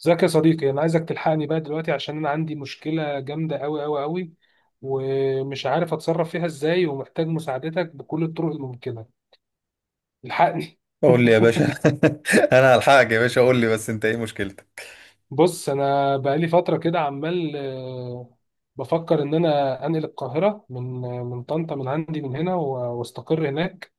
ازيك يا صديقي، انا عايزك تلحقني بقى دلوقتي عشان انا عندي مشكلة جامدة قوي قوي قوي. ومش عارف اتصرف فيها ازاي، ومحتاج مساعدتك بكل الطرق الممكنة. الحقني. قول لي يا باشا. انا هلحقك يا باشا، قول لي بس انت ايه مشكلتك؟ بص، انا بقالي فترة كده عمال، بفكر ان انا انقل القاهرة من طنطا، من عندي، من هنا واستقر هناك.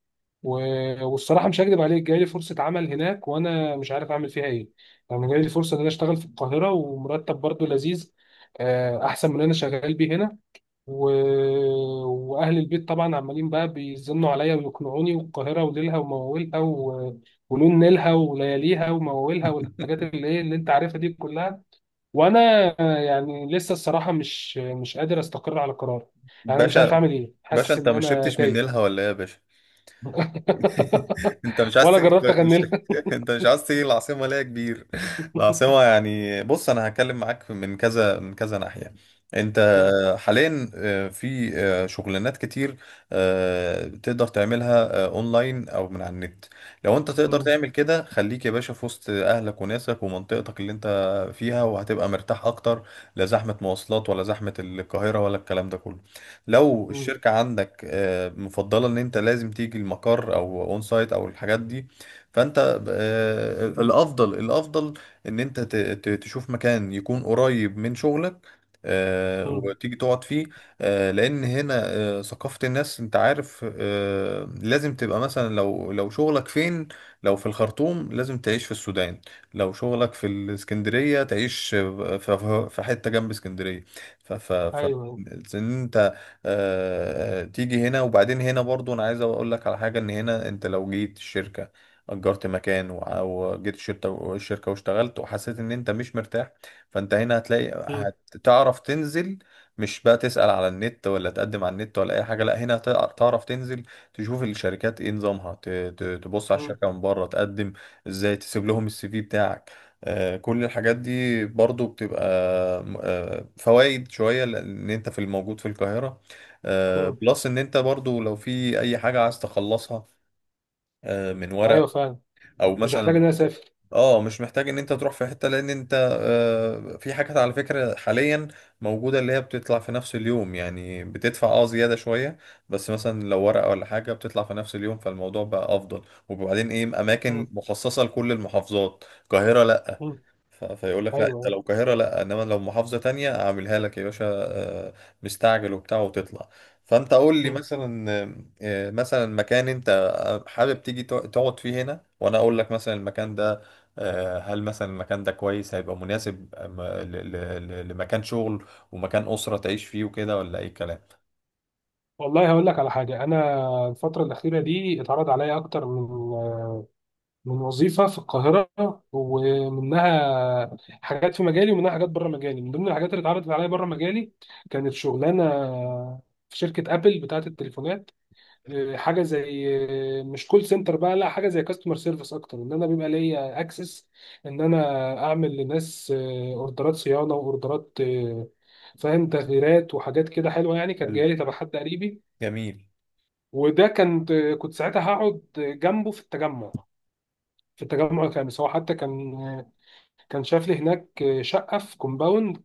والصراحة مش هكدب عليك، جاي لي فرصة عمل هناك وانا مش عارف اعمل فيها ايه. يعني جاي لي فرصة ان انا اشتغل في القاهرة، ومرتب برضو لذيذ، احسن من اللي انا شغال بيه هنا. و... واهل البيت طبعا عمالين بقى بيزنوا عليا ويقنعوني، والقاهره وليلها ومواويلها ولون نيلها ولياليها ومواويلها والحاجات اللي ايه اللي انت عارفها دي كلها. وانا يعني لسه الصراحه مش قادر استقر على قرار. يعني انا مش عارف باشا اعمل ايه، باشا حاسس انت ان ما انا شربتش من تايه. نيلها ولا ايه يا باشا؟ انت مش عايز ولا تيجي؟ جربت مش... اغني انت مش عايز تيجي العاصمه ليه يا كبير؟ العاصمه يعني، بص انا هتكلم معاك من كذا ناحيه. انت لها. حاليا في شغلانات كتير تقدر تعملها اونلاين او من على النت. لو انت تقدر تعمل كده خليك يا باشا في وسط اهلك وناسك ومنطقتك اللي انت فيها، وهتبقى مرتاح اكتر. لا زحمه مواصلات ولا زحمه القاهره ولا الكلام ده كله. لو الشركة عندك مفضلة ان انت لازم تيجي المقر او اون سايت او الحاجات دي، فانت الافضل ان انت تشوف مكان يكون قريب من شغلك وتيجي تقعد فيه. لان هنا ثقافة الناس انت عارف، لازم تبقى مثلا، لو شغلك فين؟ لو في الخرطوم لازم تعيش في السودان، لو شغلك في الاسكندرية تعيش في حتة جنب اسكندرية. ف ف ف ايوه، تيجي هنا. وبعدين هنا برضو انا عايز اقول لك على حاجه، ان هنا انت لو جيت الشركه اجرت مكان وجيت الشركه واشتغلت وحسيت ان انت مش مرتاح، فانت هنا هتلاقي، هتعرف تنزل. مش بقى تسأل على النت ولا تقدم على النت ولا اي حاجه، لا هنا تعرف تنزل تشوف الشركات ايه نظامها، تبص على الشركه من بره، تقدم ازاي، تسيب لهم السي في بتاعك. كل الحاجات دي برضو بتبقى فوائد شوية، لأن أنت في الموجود في القاهرة. بلس ان انت برضو لو في اي حاجة عايز تخلصها من ورق ايوه فعلا، او مش هحتاج ان مثلا، انا اسافر. اه مش محتاج ان انت تروح في حتة، لان انت في حاجات على فكرة حاليا موجودة اللي هي بتطلع في نفس اليوم، يعني بتدفع اه زيادة شوية، بس مثلا لو ورقة ولا حاجة بتطلع في نفس اليوم فالموضوع بقى افضل. وبعدين ايه، اماكن مخصصة لكل المحافظات، القاهرة لا، فيقول لك لا انت ايوه. لو القاهره لا، انما لو محافظه تانية اعملها لك يا باشا آه، مستعجل وبتاع وتطلع. فانت قول لي مثلا مثلا مكان انت حابب تيجي تقعد فيه هنا، وانا اقول لك مثلا المكان ده هل مثلا المكان ده كويس، هيبقى مناسب لمكان شغل ومكان اسره تعيش فيه وكده، ولا اي كلام. والله، هقول لك على حاجة. أنا الفترة الأخيرة دي اتعرض عليا أكتر من وظيفة في القاهرة. ومنها حاجات في مجالي ومنها حاجات بره مجالي. من ضمن الحاجات اللي اتعرضت عليا بره مجالي، كانت شغلانة في شركة أبل بتاعة التليفونات. حاجة زي، مش كول سنتر بقى، لا حاجة زي كاستمر سيرفيس أكتر، إن أنا بيبقى ليا أكسس إن أنا أعمل لناس أوردرات صيانة وأوردرات، فاهم، تغييرات وحاجات كده حلوة. يعني كانت جاية حلو، لي تبع حد قريبي. جميل. وده كنت، ساعتها هقعد جنبه في التجمع في التجمع الخامس. هو حتى كان، شاف لي هناك شقة في كومباوند،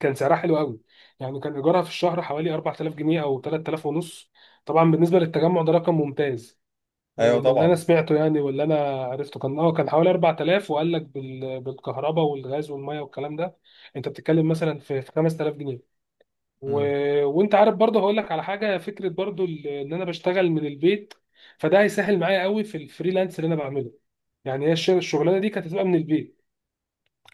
كان سعرها حلو قوي. يعني كان إيجارها في الشهر حوالي 4000 جنيه أو 3000 ونص. طبعا بالنسبة للتجمع، ده رقم ممتاز. ايوه من اللي أنا طبعا. سمعته يعني واللي أنا عرفته كان، كان حوالي 4000، وقال لك بالكهرباء والغاز والمية والكلام ده. أنت بتتكلم مثلا في 5000 جنيه و... مم. وانت عارف برضه، هقول لك على حاجه فكره برضه، ان انا بشتغل من البيت. فده هيسهل معايا قوي في الفريلانس اللي انا بعمله. يعني هي الشغلانه دي كانت هتبقى من البيت.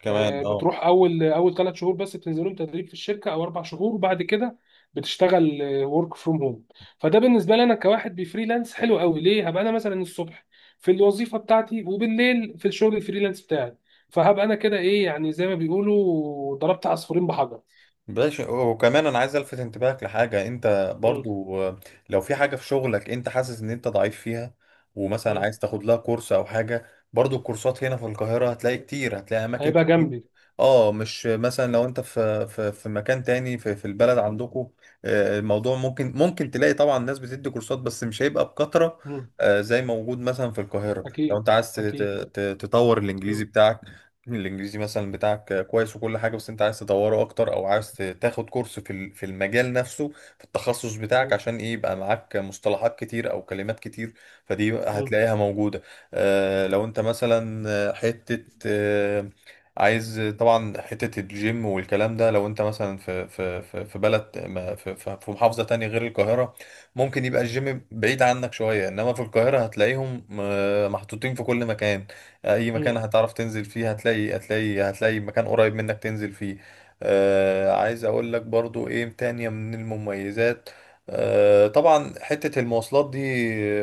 كمان اه. بتروح اول اول 3 شهور بس، بتنزلهم تدريب في الشركه، او 4 شهور، وبعد كده بتشتغل ورك فروم هوم. فده بالنسبه لي، انا كواحد بفريلانس، حلو قوي ليه. هبقى انا مثلا الصبح في الوظيفه بتاعتي، وبالليل في الشغل الفريلانس بتاعي. فهبقى انا كده ايه، يعني زي ما بيقولوا ضربت عصفورين بحجر. بلاش، وكمان انا عايز الفت انتباهك لحاجه انت مم. برضو، لو في حاجه في شغلك انت حاسس ان انت ضعيف فيها، ومثلا مم. عايز تاخد لها كورس او حاجه، برضو الكورسات هنا في القاهره هتلاقي كتير، هتلاقي اماكن هيبقى كتير. جنبي. اه مش مثلا لو انت في مكان تاني في في البلد عندكم الموضوع ممكن، تلاقي طبعا ناس بتدي كورسات، بس مش هيبقى بكثره مم. زي موجود مثلا في القاهره. لو انت أكيد. عايز أكيد. تطور الانجليزي مم. بتاعك، الانجليزي مثلا بتاعك كويس وكل حاجه، بس انت عايز تطوره اكتر، او عايز تاخد كورس في المجال نفسه، في التخصص بتاعك، مم. عشان ايه يبقى معاك مصطلحات كتير او كلمات كتير. فدي مم. هتلاقيها موجوده. آه لو انت مثلا، حته آه، عايز طبعا حته الجيم والكلام ده، لو انت مثلا في بلد في محافظه تانية غير القاهره، ممكن يبقى الجيم بعيد عنك شويه، انما في القاهره هتلاقيهم محطوطين في كل مكان. اي مكان مم. هتعرف تنزل فيه هتلاقي مكان قريب منك تنزل فيه. آه عايز اقول لك برضو ايه تانية من المميزات، آه طبعا حتة المواصلات دي،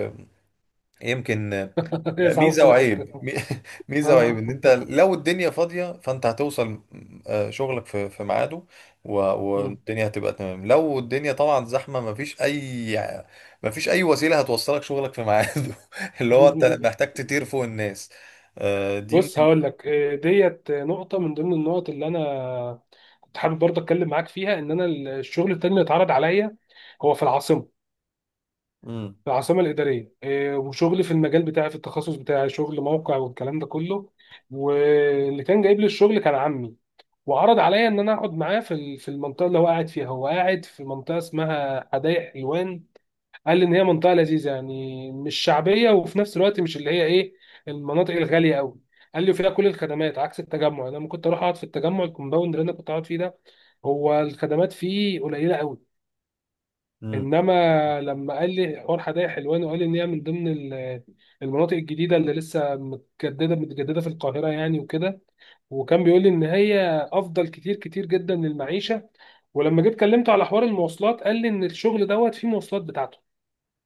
آه، يمكن هي صعبة في ميزة كل وعيب. حتة. ميزة وعيب، آه. ان انت لو الدنيا فاضية فانت هتوصل شغلك في في ميعاده، مم. والدنيا هتبقى تمام. لو الدنيا طبعا زحمة، مفيش اي، مفيش اي وسيلة هتوصلك شغلك في ميعاده. اللي هو انت مم. محتاج تطير فوق الناس. دي بص هقول لك، ديت نقطة من ضمن النقط اللي أنا كنت حابب برضه أتكلم معاك فيها. إن أنا الشغل التاني اللي اتعرض عليا هو في العاصمة، امم في العاصمة الإدارية، وشغل في المجال بتاعي في التخصص بتاعي، شغل موقع والكلام ده كله. واللي كان جايب لي الشغل كان عمي، وعرض عليا ان انا اقعد معاه في في المنطقه اللي هو قاعد فيها. هو قاعد في منطقه اسمها حدائق حلوان. قال لي ان هي منطقه لذيذه، يعني مش شعبيه، وفي نفس الوقت مش اللي هي ايه، المناطق الغاليه قوي. قال لي فيها كل الخدمات، عكس التجمع. انا لما كنت اروح اقعد في التجمع، الكومباوند اللي انا كنت اقعد فيه ده، هو الخدمات فيه قليله قوي. امم انما لما قال لي حوار حدائق حلوان، وقال لي ان هي من ضمن المناطق الجديده اللي لسه متجدده متجدده في القاهره يعني وكده. وكان بيقول لي ان هي افضل كتير كتير جدا للمعيشه. ولما جيت كلمته على حوار المواصلات، قال لي ان الشغل دوت فيه مواصلات بتاعته.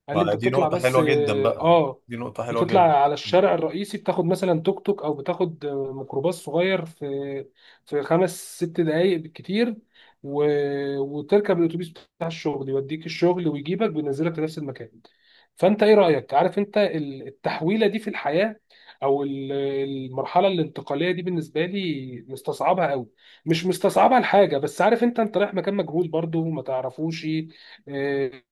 قال لي ما انت دي بتطلع نقطة بس، حلوة جدا بقى، اه دي نقطة حلوة بتطلع جدا. على الشارع الرئيسي، بتاخد مثلا توك توك، او بتاخد ميكروباص صغير، في خمس ست دقايق بالكتير. و... وتركب الاتوبيس بتاع الشغل، يوديك الشغل ويجيبك وينزلك في نفس المكان. فانت ايه رايك؟ عارف انت التحويله دي في الحياه، او المرحله الانتقاليه دي، بالنسبه لي مستصعبها قوي. مش مستصعبها لحاجه، بس عارف، انت رايح مكان مجهول برضو ما تعرفوش. آه،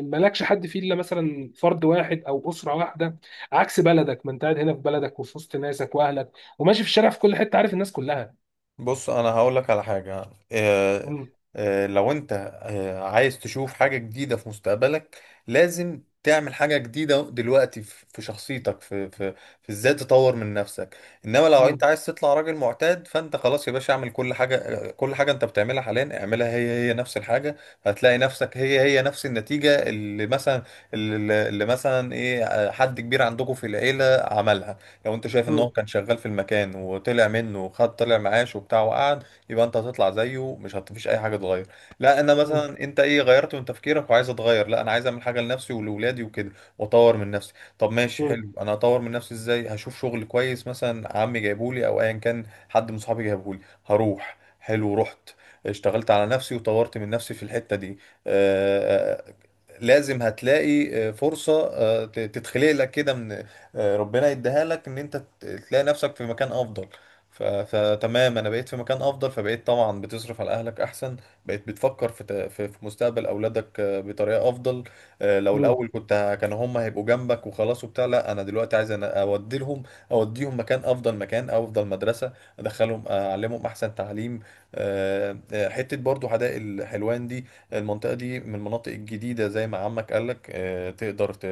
مالكش حد فيه الا مثلا فرد واحد او اسره واحده. عكس بلدك، ما انت قاعد هنا في بلدك وفي وسط ناسك واهلك، وماشي في الشارع في كل حته عارف الناس كلها. بص انا هقول لك على حاجه، آه، مم. لو انت عايز تشوف حاجه جديده في مستقبلك، لازم تعمل حاجه جديده دلوقتي في في شخصيتك، في في في ازاي تطور من نفسك. انما لو مم. انت عايز تطلع راجل معتاد، فانت خلاص يا باشا اعمل كل حاجه. كل حاجه انت بتعملها حاليا اعملها، هي هي نفس الحاجه، هتلاقي نفسك هي هي نفس النتيجه. اللي مثلا اللي مثلا ايه، حد كبير عندكم في العيله عملها، لو انت شايف ان مم. هو كان شغال في المكان وطلع منه، وخد طلع معاش وبتاع وقعد، يبقى انت هتطلع زيه، مش هتفيش اي حاجه تغير. لا، انا مم. مثلا، انت ايه غيرت من تفكيرك وعايز اتغير؟ لا انا عايز اعمل حاجه لنفسي ولاولادي وكده، واطور من نفسي. طب ماشي مم. حلو، انا هطور من نفسي ازاي؟ هشوف شغل كويس مثلا عمي جايبولي، او ايا كان حد من صحابي جايبهولي، هروح. حلو، رحت اشتغلت على نفسي وطورت من نفسي في الحته دي، آه، آه، لازم هتلاقي فرصة تتخلق لك كده من ربنا يديها لك، ان انت تلاقي نفسك في مكان افضل. فتمام، انا بقيت في مكان افضل، فبقيت طبعا بتصرف على اهلك احسن، بقيت بتفكر في ت... في في مستقبل اولادك بطريقه افضل. لو مم. الاول كنت كانوا هم هيبقوا جنبك وخلاص وبتاع، لا انا دلوقتي عايز أنا اوديهم مكان افضل، مكان افضل مدرسه، ادخلهم اعلمهم احسن تعليم. حته برضو حدائق الحلوان دي، المنطقه دي من المناطق الجديده زي ما عمك قالك، تقدر ت...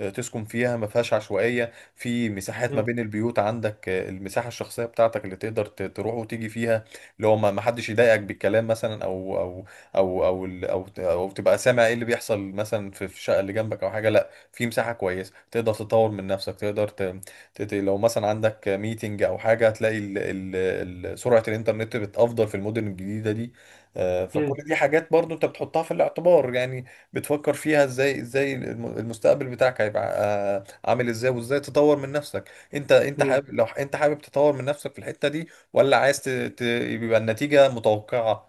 آه، تسكن فيها. ما فيهاش عشوائية في مساحات ما مم. بين البيوت، عندك المساحة الشخصية بتاعتك اللي تقدر تروح وتيجي فيها، اللي هو ما حدش يضايقك بالكلام مثلا، او او او او ال- او, ت- أو تبقى سامع ايه اللي بيحصل مثلا في في الشقة اللي جنبك او حاجة. لا، في مساحة كويسة تقدر تطور من نفسك، تقدر لو مثلا عندك ميتنج او حاجه هتلاقي ال ال ال سرعه الانترنت بتافضل في المدن الجديده دي. مم. فكل دي حاجات برضو انت بتحطها في الاعتبار، يعني بتفكر فيها ازاي، المستقبل بتاعك هيبقى عامل ازاي، وازاي تطور من نفسك. انت مم. حابب، لو انت حابب تطور من نفسك في الحتة دي، ولا عايز يبقى النتيجة متوقعة؟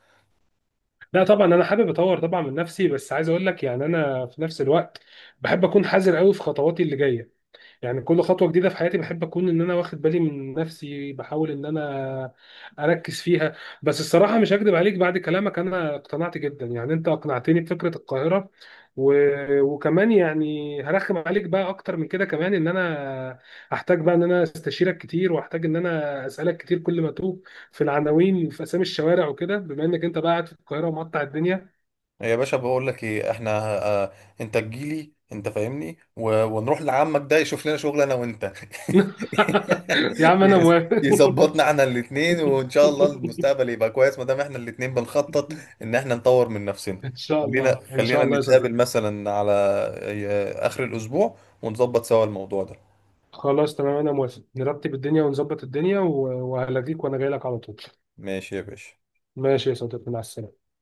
لا طبعا، انا حابب اطور طبعا من نفسي، بس عايز اقول لك يعني انا في نفس الوقت بحب اكون حذر قوي في خطواتي اللي جايه. يعني كل خطوة جديدة في حياتي بحب أكون إن أنا واخد بالي من نفسي، بحاول إن أنا أركز فيها. بس الصراحة مش هكدب عليك، بعد كلامك أنا اقتنعت جدا، يعني أنت أقنعتني بفكرة القاهرة. و... وكمان، يعني هرخم عليك بقى أكتر من كده كمان، إن أنا هحتاج بقى إن أنا أستشيرك كتير، وأحتاج إن أنا أسألك كتير كل ما أتوه في العناوين، في أسامي الشوارع وكده، بما إنك أنت بقى قاعد في القاهرة ومقطع الدنيا. يا باشا بقول لك ايه، احنا آه انت تجيلي، انت فاهمني، ونروح لعمك ده يشوف لنا شغل انا وانت. يا عم أنا موافق. يظبطنا احنا الاتنين، وان شاء الله المستقبل يبقى كويس ما دام احنا الاتنين بنخطط ان احنا نطور من نفسنا. إن شاء الله، إن شاء خلينا الله يا نتقابل صديقي. مثلا على اخر الاسبوع ونظبط سوا الموضوع ده. خلاص تمام، انا موافق، نرتب الدنيا ونظبط الدنيا وهلغيك وانا جاي لك على طول. ماشي يا باشا. ماشي يا صديقي، مع السلامه.